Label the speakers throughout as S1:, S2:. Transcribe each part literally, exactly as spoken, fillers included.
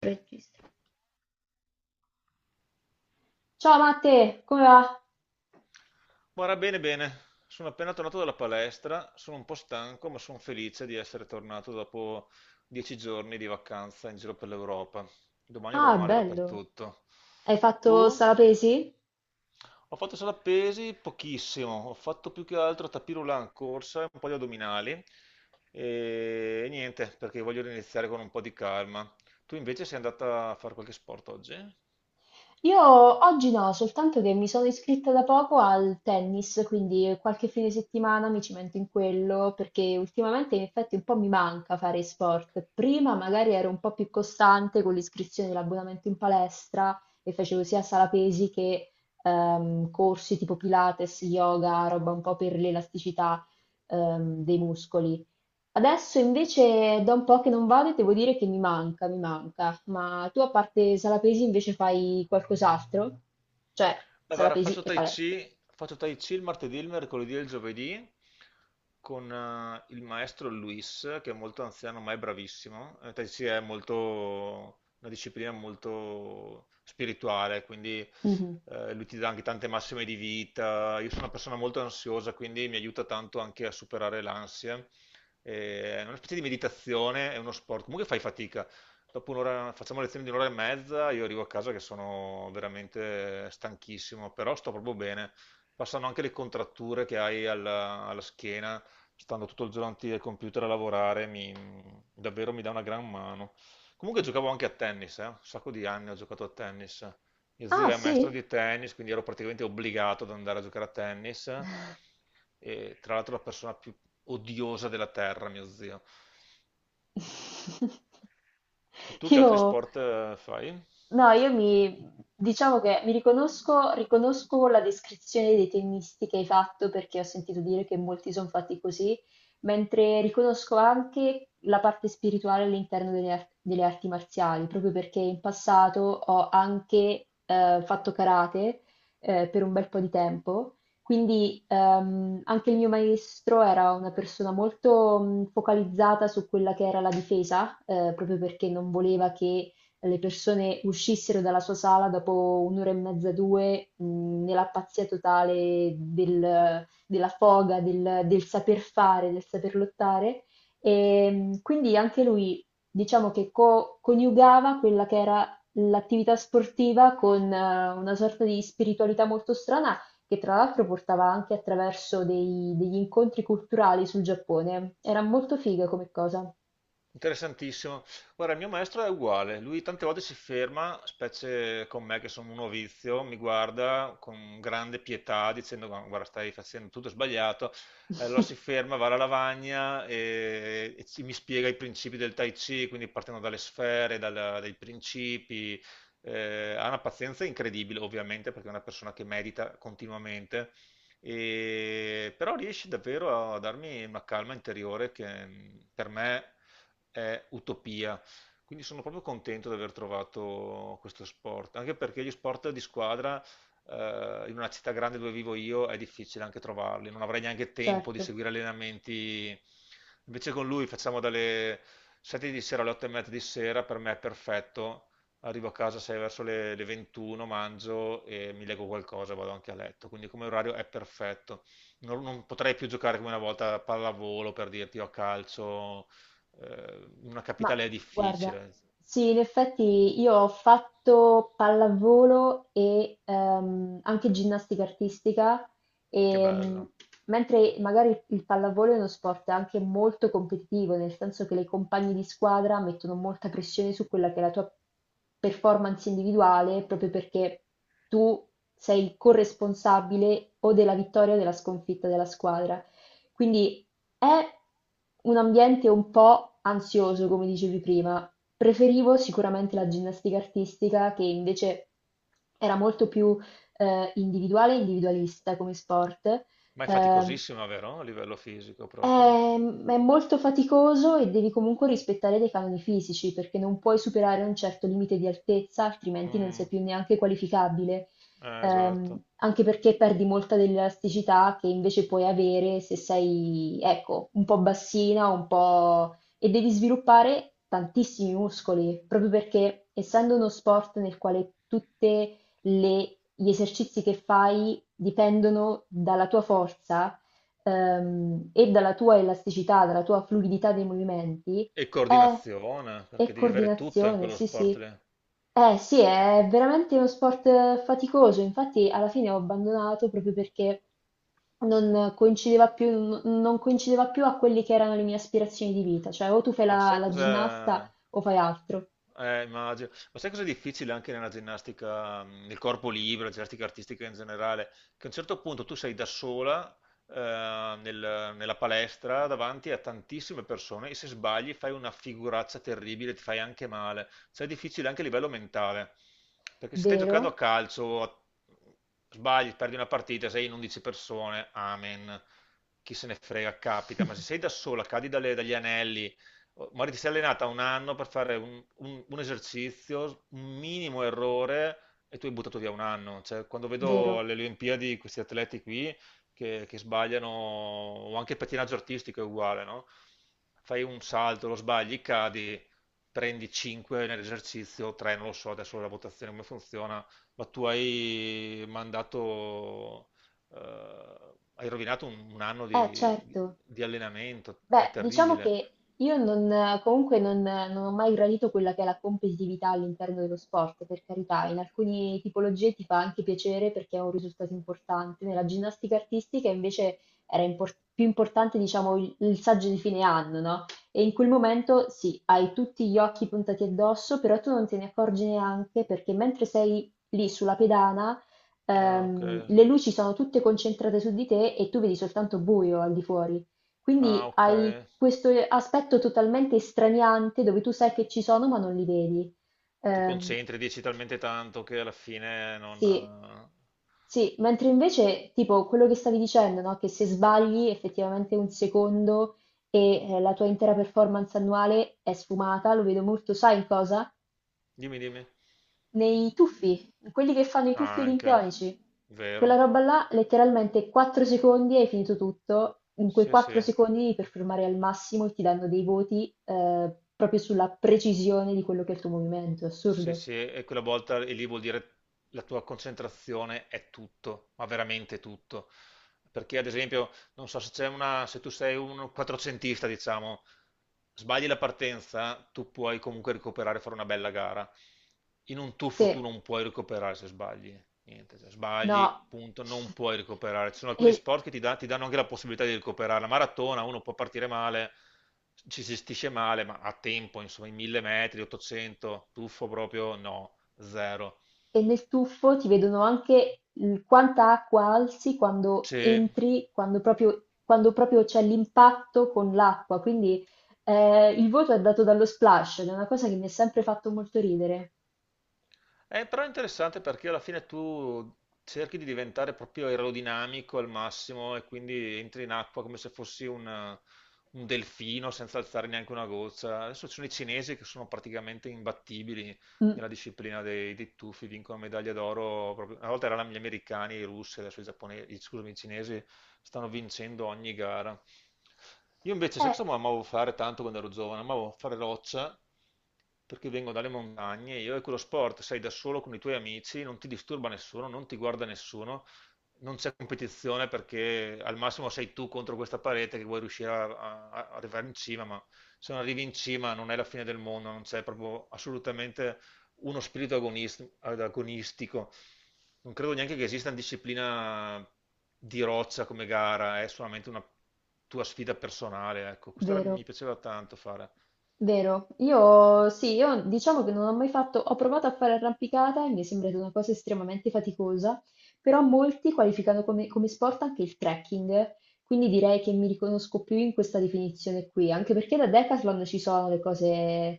S1: Registra. Ciao Matte, come va?
S2: Guarda, bene, bene. Sono appena tornato dalla palestra, sono un po' stanco, ma sono felice di essere tornato dopo dieci giorni di vacanza in giro per l'Europa. Domani avrò
S1: Ah,
S2: male
S1: bello.
S2: dappertutto.
S1: Hai fatto
S2: Tu?
S1: salapesi?
S2: Ho fatto sala pesi pochissimo, ho fatto più che altro tapis roulant, corsa e un po' di addominali e niente, perché voglio iniziare con un po' di calma. Tu invece sei andata a fare qualche sport oggi?
S1: Io oggi no, soltanto che mi sono iscritta da poco al tennis, quindi qualche fine settimana mi cimento in quello, perché ultimamente in effetti un po' mi manca fare sport. Prima magari ero un po' più costante con l'iscrizione e l'abbonamento in palestra e facevo sia salapesi che ehm, corsi tipo Pilates, yoga, roba un po' per l'elasticità ehm, dei muscoli. Adesso invece da un po' che non vado e devo dire che mi manca, mi manca. Ma tu a parte Salapesi invece fai qualcos'altro? Cioè,
S2: Beh, guarda,
S1: Salapesi
S2: faccio
S1: e
S2: Tai
S1: palestra.
S2: Chi, faccio Tai Chi il martedì, il mercoledì e il giovedì con eh, il maestro Luis, che è molto anziano ma è bravissimo. Eh, tai Chi è molto, una disciplina molto spirituale, quindi
S1: Mhm.
S2: eh, lui ti dà anche tante massime di vita. Io sono una persona molto ansiosa, quindi mi aiuta tanto anche a superare l'ansia. Eh, È una specie di meditazione, è uno sport. Comunque fai fatica dopo un'ora, facciamo lezioni di un'ora e mezza, io arrivo a casa che sono veramente stanchissimo, però sto proprio bene. Passano anche le contratture che hai alla, alla schiena, stando tutto il giorno davanti al computer a lavorare, mi- davvero mi dà una gran mano. Comunque giocavo anche a tennis, eh, un sacco di anni ho giocato a tennis. Mio
S1: Ah,
S2: zio è maestro
S1: sì?
S2: di tennis, quindi ero praticamente obbligato ad andare a giocare a tennis. E, tra l'altro, la persona più odiosa della terra, mio zio. Tu che
S1: Io
S2: altri sport eh, fai?
S1: No, io mi diciamo che mi riconosco, riconosco la descrizione dei tennisti che hai fatto perché ho sentito dire che molti sono fatti così, mentre riconosco anche la parte spirituale all'interno delle, ar- delle arti marziali, proprio perché in passato ho anche eh, fatto karate eh, per un bel po' di tempo, quindi ehm, anche il mio maestro era una persona molto mh, focalizzata su quella che era la difesa, eh, proprio perché non voleva che le persone uscissero dalla sua sala dopo un'ora e mezza, due, mh, nella pazzia totale del- della foga, del, del saper fare, del saper lottare. E mh, quindi anche lui, diciamo che co- coniugava quella che era l'attività sportiva con eh, una sorta di spiritualità molto strana, che tra l'altro portava anche attraverso dei- degli incontri culturali sul Giappone. Era molto figa come cosa.
S2: Interessantissimo. Guarda, il mio maestro è uguale, lui tante volte si ferma, specie con me che sono un novizio, mi guarda con grande pietà dicendo: "Gu- guarda, stai facendo tutto sbagliato". Eh, allora si ferma, va alla lavagna e, e ci- mi spiega i principi del Tai Chi, quindi partendo dalle sfere, dalla- dai principi. Eh, ha una pazienza incredibile ovviamente perché è una persona che medita continuamente. E- però riesce davvero a darmi una calma interiore che, mh, per me è utopia. Quindi sono proprio contento di aver trovato questo sport, anche perché gli sport di squadra, eh, in una città grande dove vivo io è difficile anche trovarli, non avrei neanche tempo di
S1: Certo.
S2: seguire allenamenti. Invece con lui facciamo dalle sette di sera alle otto e mezza di sera, per me è perfetto. Arrivo a casa sei verso le, le ventuno, mangio e mi leggo qualcosa, vado anche a letto. Quindi come orario è perfetto. Non, non potrei più giocare come una volta a pallavolo per dirti o a calcio, eh, in una
S1: Ma
S2: capitale è
S1: guarda,
S2: difficile.
S1: sì, in effetti io ho fatto pallavolo e ehm, anche ginnastica artistica,
S2: Che
S1: e, mh,
S2: bello.
S1: mentre magari il pallavolo è uno sport anche molto competitivo, nel senso che le compagne di squadra mettono molta pressione su quella che è la tua performance individuale, proprio perché tu sei il corresponsabile o della vittoria o della sconfitta della squadra. Quindi è un ambiente un po' ansioso, come dicevi prima. Preferivo sicuramente la ginnastica artistica, che invece era molto più eh, individuale e individualista come sport.
S2: Ma è
S1: Ehm,
S2: faticosissima, vero? A livello fisico proprio.
S1: Ehm, è molto faticoso e devi comunque rispettare dei canoni fisici perché non puoi superare un certo limite di altezza, altrimenti non sei
S2: Mm,
S1: più neanche qualificabile.
S2: eh,
S1: Ehm,
S2: esatto.
S1: anche perché perdi molta dell'elasticità che invece puoi avere se sei, ecco, un po' bassina, un po' e devi sviluppare tantissimi muscoli, proprio perché essendo uno sport nel quale tutte le gli esercizi che fai dipendono dalla tua forza, ehm, e dalla tua elasticità, dalla tua fluidità dei movimenti,
S2: E
S1: è,
S2: coordinazione,
S1: è
S2: perché devi avere tutto in
S1: coordinazione,
S2: quello
S1: sì,
S2: sport
S1: sì.
S2: lì.
S1: Eh sì, è veramente uno sport eh, faticoso, infatti alla fine ho abbandonato proprio perché non coincideva più, n- non coincideva più a quelli che erano le mie aspirazioni di vita, cioè o tu fai
S2: Ma
S1: la,
S2: sai
S1: la
S2: cos'è?
S1: ginnasta o fai altro,
S2: Eh, immagino. Ma sai cosa è difficile anche nella ginnastica, mh, nel corpo libero, la ginnastica artistica in generale? Che a un certo punto tu sei da sola, eh, nel- nella palestra davanti a tantissime persone, e se sbagli fai una figuraccia terribile, ti fai anche male. Cioè è difficile anche a livello mentale. Perché se stai giocando a
S1: vero?
S2: calcio, a- sbagli, perdi una partita, sei in undici persone, amen. Chi se ne frega, capita. Ma se sei da sola, cadi dalle- dagli anelli. Magari ti sei allenata un anno per fare un, un- un esercizio, un minimo errore, e tu hai buttato via un anno. Cioè, quando
S1: Vero?
S2: vedo alle Olimpiadi questi atleti qui che, che sbagliano, o anche il pattinaggio artistico è uguale, no? Fai un salto, lo sbagli, cadi, prendi cinque nell'esercizio, tre, non lo so adesso la votazione come funziona, ma tu hai mandato, eh, hai rovinato un, un anno
S1: Eh
S2: di, di-
S1: certo.
S2: di allenamento, è
S1: Beh, diciamo
S2: terribile.
S1: che io non, comunque non, non ho mai gradito quella che è la competitività all'interno dello sport, per carità, in alcune tipologie ti fa anche piacere perché è un risultato importante. Nella ginnastica artistica invece era impor- più importante, diciamo, il, il saggio di fine anno, no? E in quel momento sì, hai tutti gli occhi puntati addosso, però tu non te ne accorgi neanche perché mentre sei lì sulla pedana,
S2: Ah, ok.
S1: ehm, le luci sono tutte concentrate su di te e tu vedi soltanto buio al di fuori.
S2: Ah,
S1: Quindi
S2: ok.
S1: hai questo eh, aspetto totalmente straniante dove tu sai che ci sono ma non li vedi.
S2: Ti
S1: Ehm,
S2: concentri, dici talmente tanto che alla fine non...
S1: sì,
S2: eh,
S1: sì, mentre invece tipo quello che stavi dicendo, no? Che se sbagli effettivamente un secondo e eh, la tua intera performance annuale è sfumata, lo vedo molto, sai in cosa?
S2: Dimmi, dimmi.
S1: Nei tuffi, in quelli che fanno i tuffi
S2: Ah, anche.
S1: olimpionici. Quella
S2: Vero.
S1: roba là, letteralmente quattro secondi hai finito tutto. In quei
S2: Sì, sì.
S1: quattro secondi devi performare al massimo e ti danno dei voti eh, proprio sulla precisione di quello che è il tuo movimento.
S2: Sì,
S1: Assurdo.
S2: sì. E quella volta e lì vuol dire la tua concentrazione è tutto, ma veramente tutto. Perché ad esempio, non so se c'è una... se tu sei un quattrocentista, diciamo, sbagli la partenza, tu puoi comunque recuperare e fare una bella gara. In un
S1: Sì,
S2: tuffo tu non puoi recuperare se sbagli. Niente, cioè,
S1: no.
S2: sbagli, punto, non puoi recuperare. Ci sono alcuni
S1: E-
S2: sport che ti, dà- ti danno anche la possibilità di recuperare. La maratona, uno può partire male, ci si gestisce male, ma a tempo, insomma, i mille metri, ottocento, tuffo proprio, no, zero.
S1: E nel tuffo ti vedono anche il quanta acqua alzi quando
S2: C'è-
S1: entri, quando proprio, quando proprio c'è l'impatto con l'acqua. Quindi eh, il voto è dato dallo splash, ed è una cosa che mi ha sempre fatto molto ridere.
S2: eh, Però è interessante perché alla fine tu cerchi di diventare proprio aerodinamico al massimo e quindi entri in acqua come se fossi un, un delfino senza alzare neanche una goccia. Adesso ci sono i cinesi che sono praticamente imbattibili
S1: Mm.
S2: nella disciplina dei, dei tuffi, vincono medaglia d'oro. proprio- Una volta erano gli americani e i russi, adesso i giapponesi, scusami, i cinesi stanno vincendo ogni gara. Io invece, sai cosa
S1: Eh,
S2: amavo fare tanto quando ero giovane? Amavo fare roccia perché vengo dalle montagne, io, e quello sport sei da solo con i tuoi amici, non ti disturba nessuno, non ti guarda nessuno, non c'è competizione perché al massimo sei tu contro questa parete che vuoi riuscire a, a- a arrivare in cima, ma se non arrivi in cima non è la fine del mondo, non c'è proprio assolutamente uno spirito agonist- agonistico. Non credo neanche che esista una disciplina di roccia come gara, è solamente una tua sfida personale, ecco. Questa era-
S1: vero.
S2: mi piaceva tanto fare.
S1: Vero, io sì, io diciamo che non ho mai fatto, ho provato a fare arrampicata e mi è sembrata una cosa estremamente faticosa, però molti qualificano come, come sport anche il trekking, quindi direi che mi riconosco più in questa definizione qui, anche perché da Decathlon ci sono le cose eh,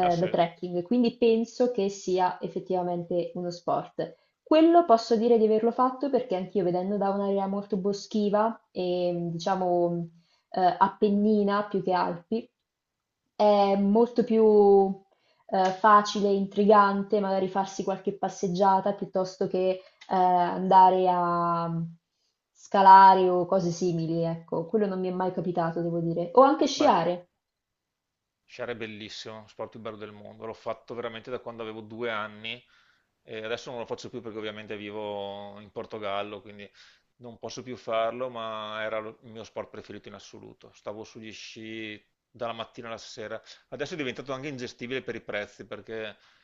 S2: Ah sì,
S1: trekking, quindi penso che sia effettivamente uno sport. Quello posso dire di averlo fatto perché anch'io vedendo da un'area molto boschiva e diciamo eh, Appennina più che Alpi, è molto più eh, facile e intrigante magari farsi qualche passeggiata piuttosto che eh, andare a scalare o cose simili, ecco, quello non mi è mai capitato, devo dire. O anche
S2: ma
S1: sciare.
S2: sciare è bellissimo, sport più bello del mondo. L'ho fatto veramente da quando avevo due anni e adesso non lo faccio più perché ovviamente vivo in Portogallo, quindi non posso più farlo, ma era lo- il mio sport preferito in assoluto. Stavo sugli sci dalla mattina alla sera. Adesso è diventato anche ingestibile per i prezzi perché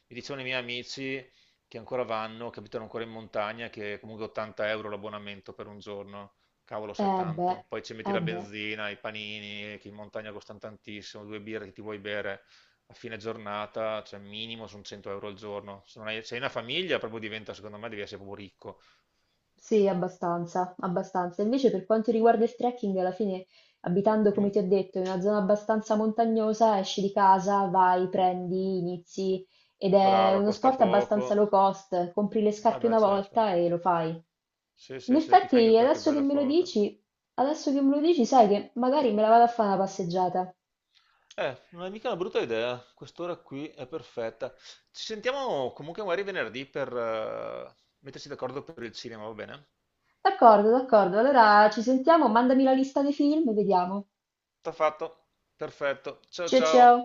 S2: mi dicevano i miei amici che ancora vanno, che abitano ancora in montagna, che comunque ottanta euro l'abbonamento per un giorno. Cavolo, se è
S1: Eh beh,
S2: tanto. Poi ci metti
S1: eh
S2: la
S1: beh.
S2: benzina, i panini, che in montagna costano tantissimo, due birre che ti vuoi bere a fine giornata, cioè minimo sono cento euro al giorno. Se non hai, se hai una famiglia, proprio diventa, secondo me, devi essere proprio ricco.
S1: Sì, abbastanza, abbastanza. Invece per quanto riguarda il trekking, alla fine, abitando, come
S2: Non-
S1: ti ho detto, in una zona abbastanza montagnosa, esci di casa, vai, prendi, inizi ed è
S2: Brava,
S1: uno
S2: costa
S1: sport abbastanza
S2: poco.
S1: low cost, compri le scarpe
S2: Vabbè,
S1: una
S2: certo.
S1: volta e lo fai.
S2: Sì,
S1: In
S2: sì, sì, ti
S1: effetti,
S2: fai anche qualche
S1: adesso che
S2: bella
S1: me lo
S2: foto.
S1: dici, adesso che me lo dici, sai che magari me la vado a fare una passeggiata.
S2: Eh, non è mica una brutta idea. Quest'ora qui è perfetta. Ci sentiamo comunque magari venerdì per, eh, metterci d'accordo per il cinema, va bene?
S1: D'accordo, d'accordo. Allora ci sentiamo, mandami la lista dei film e vediamo.
S2: Sta fatto. Perfetto. Ciao
S1: Ciao ciao.
S2: ciao.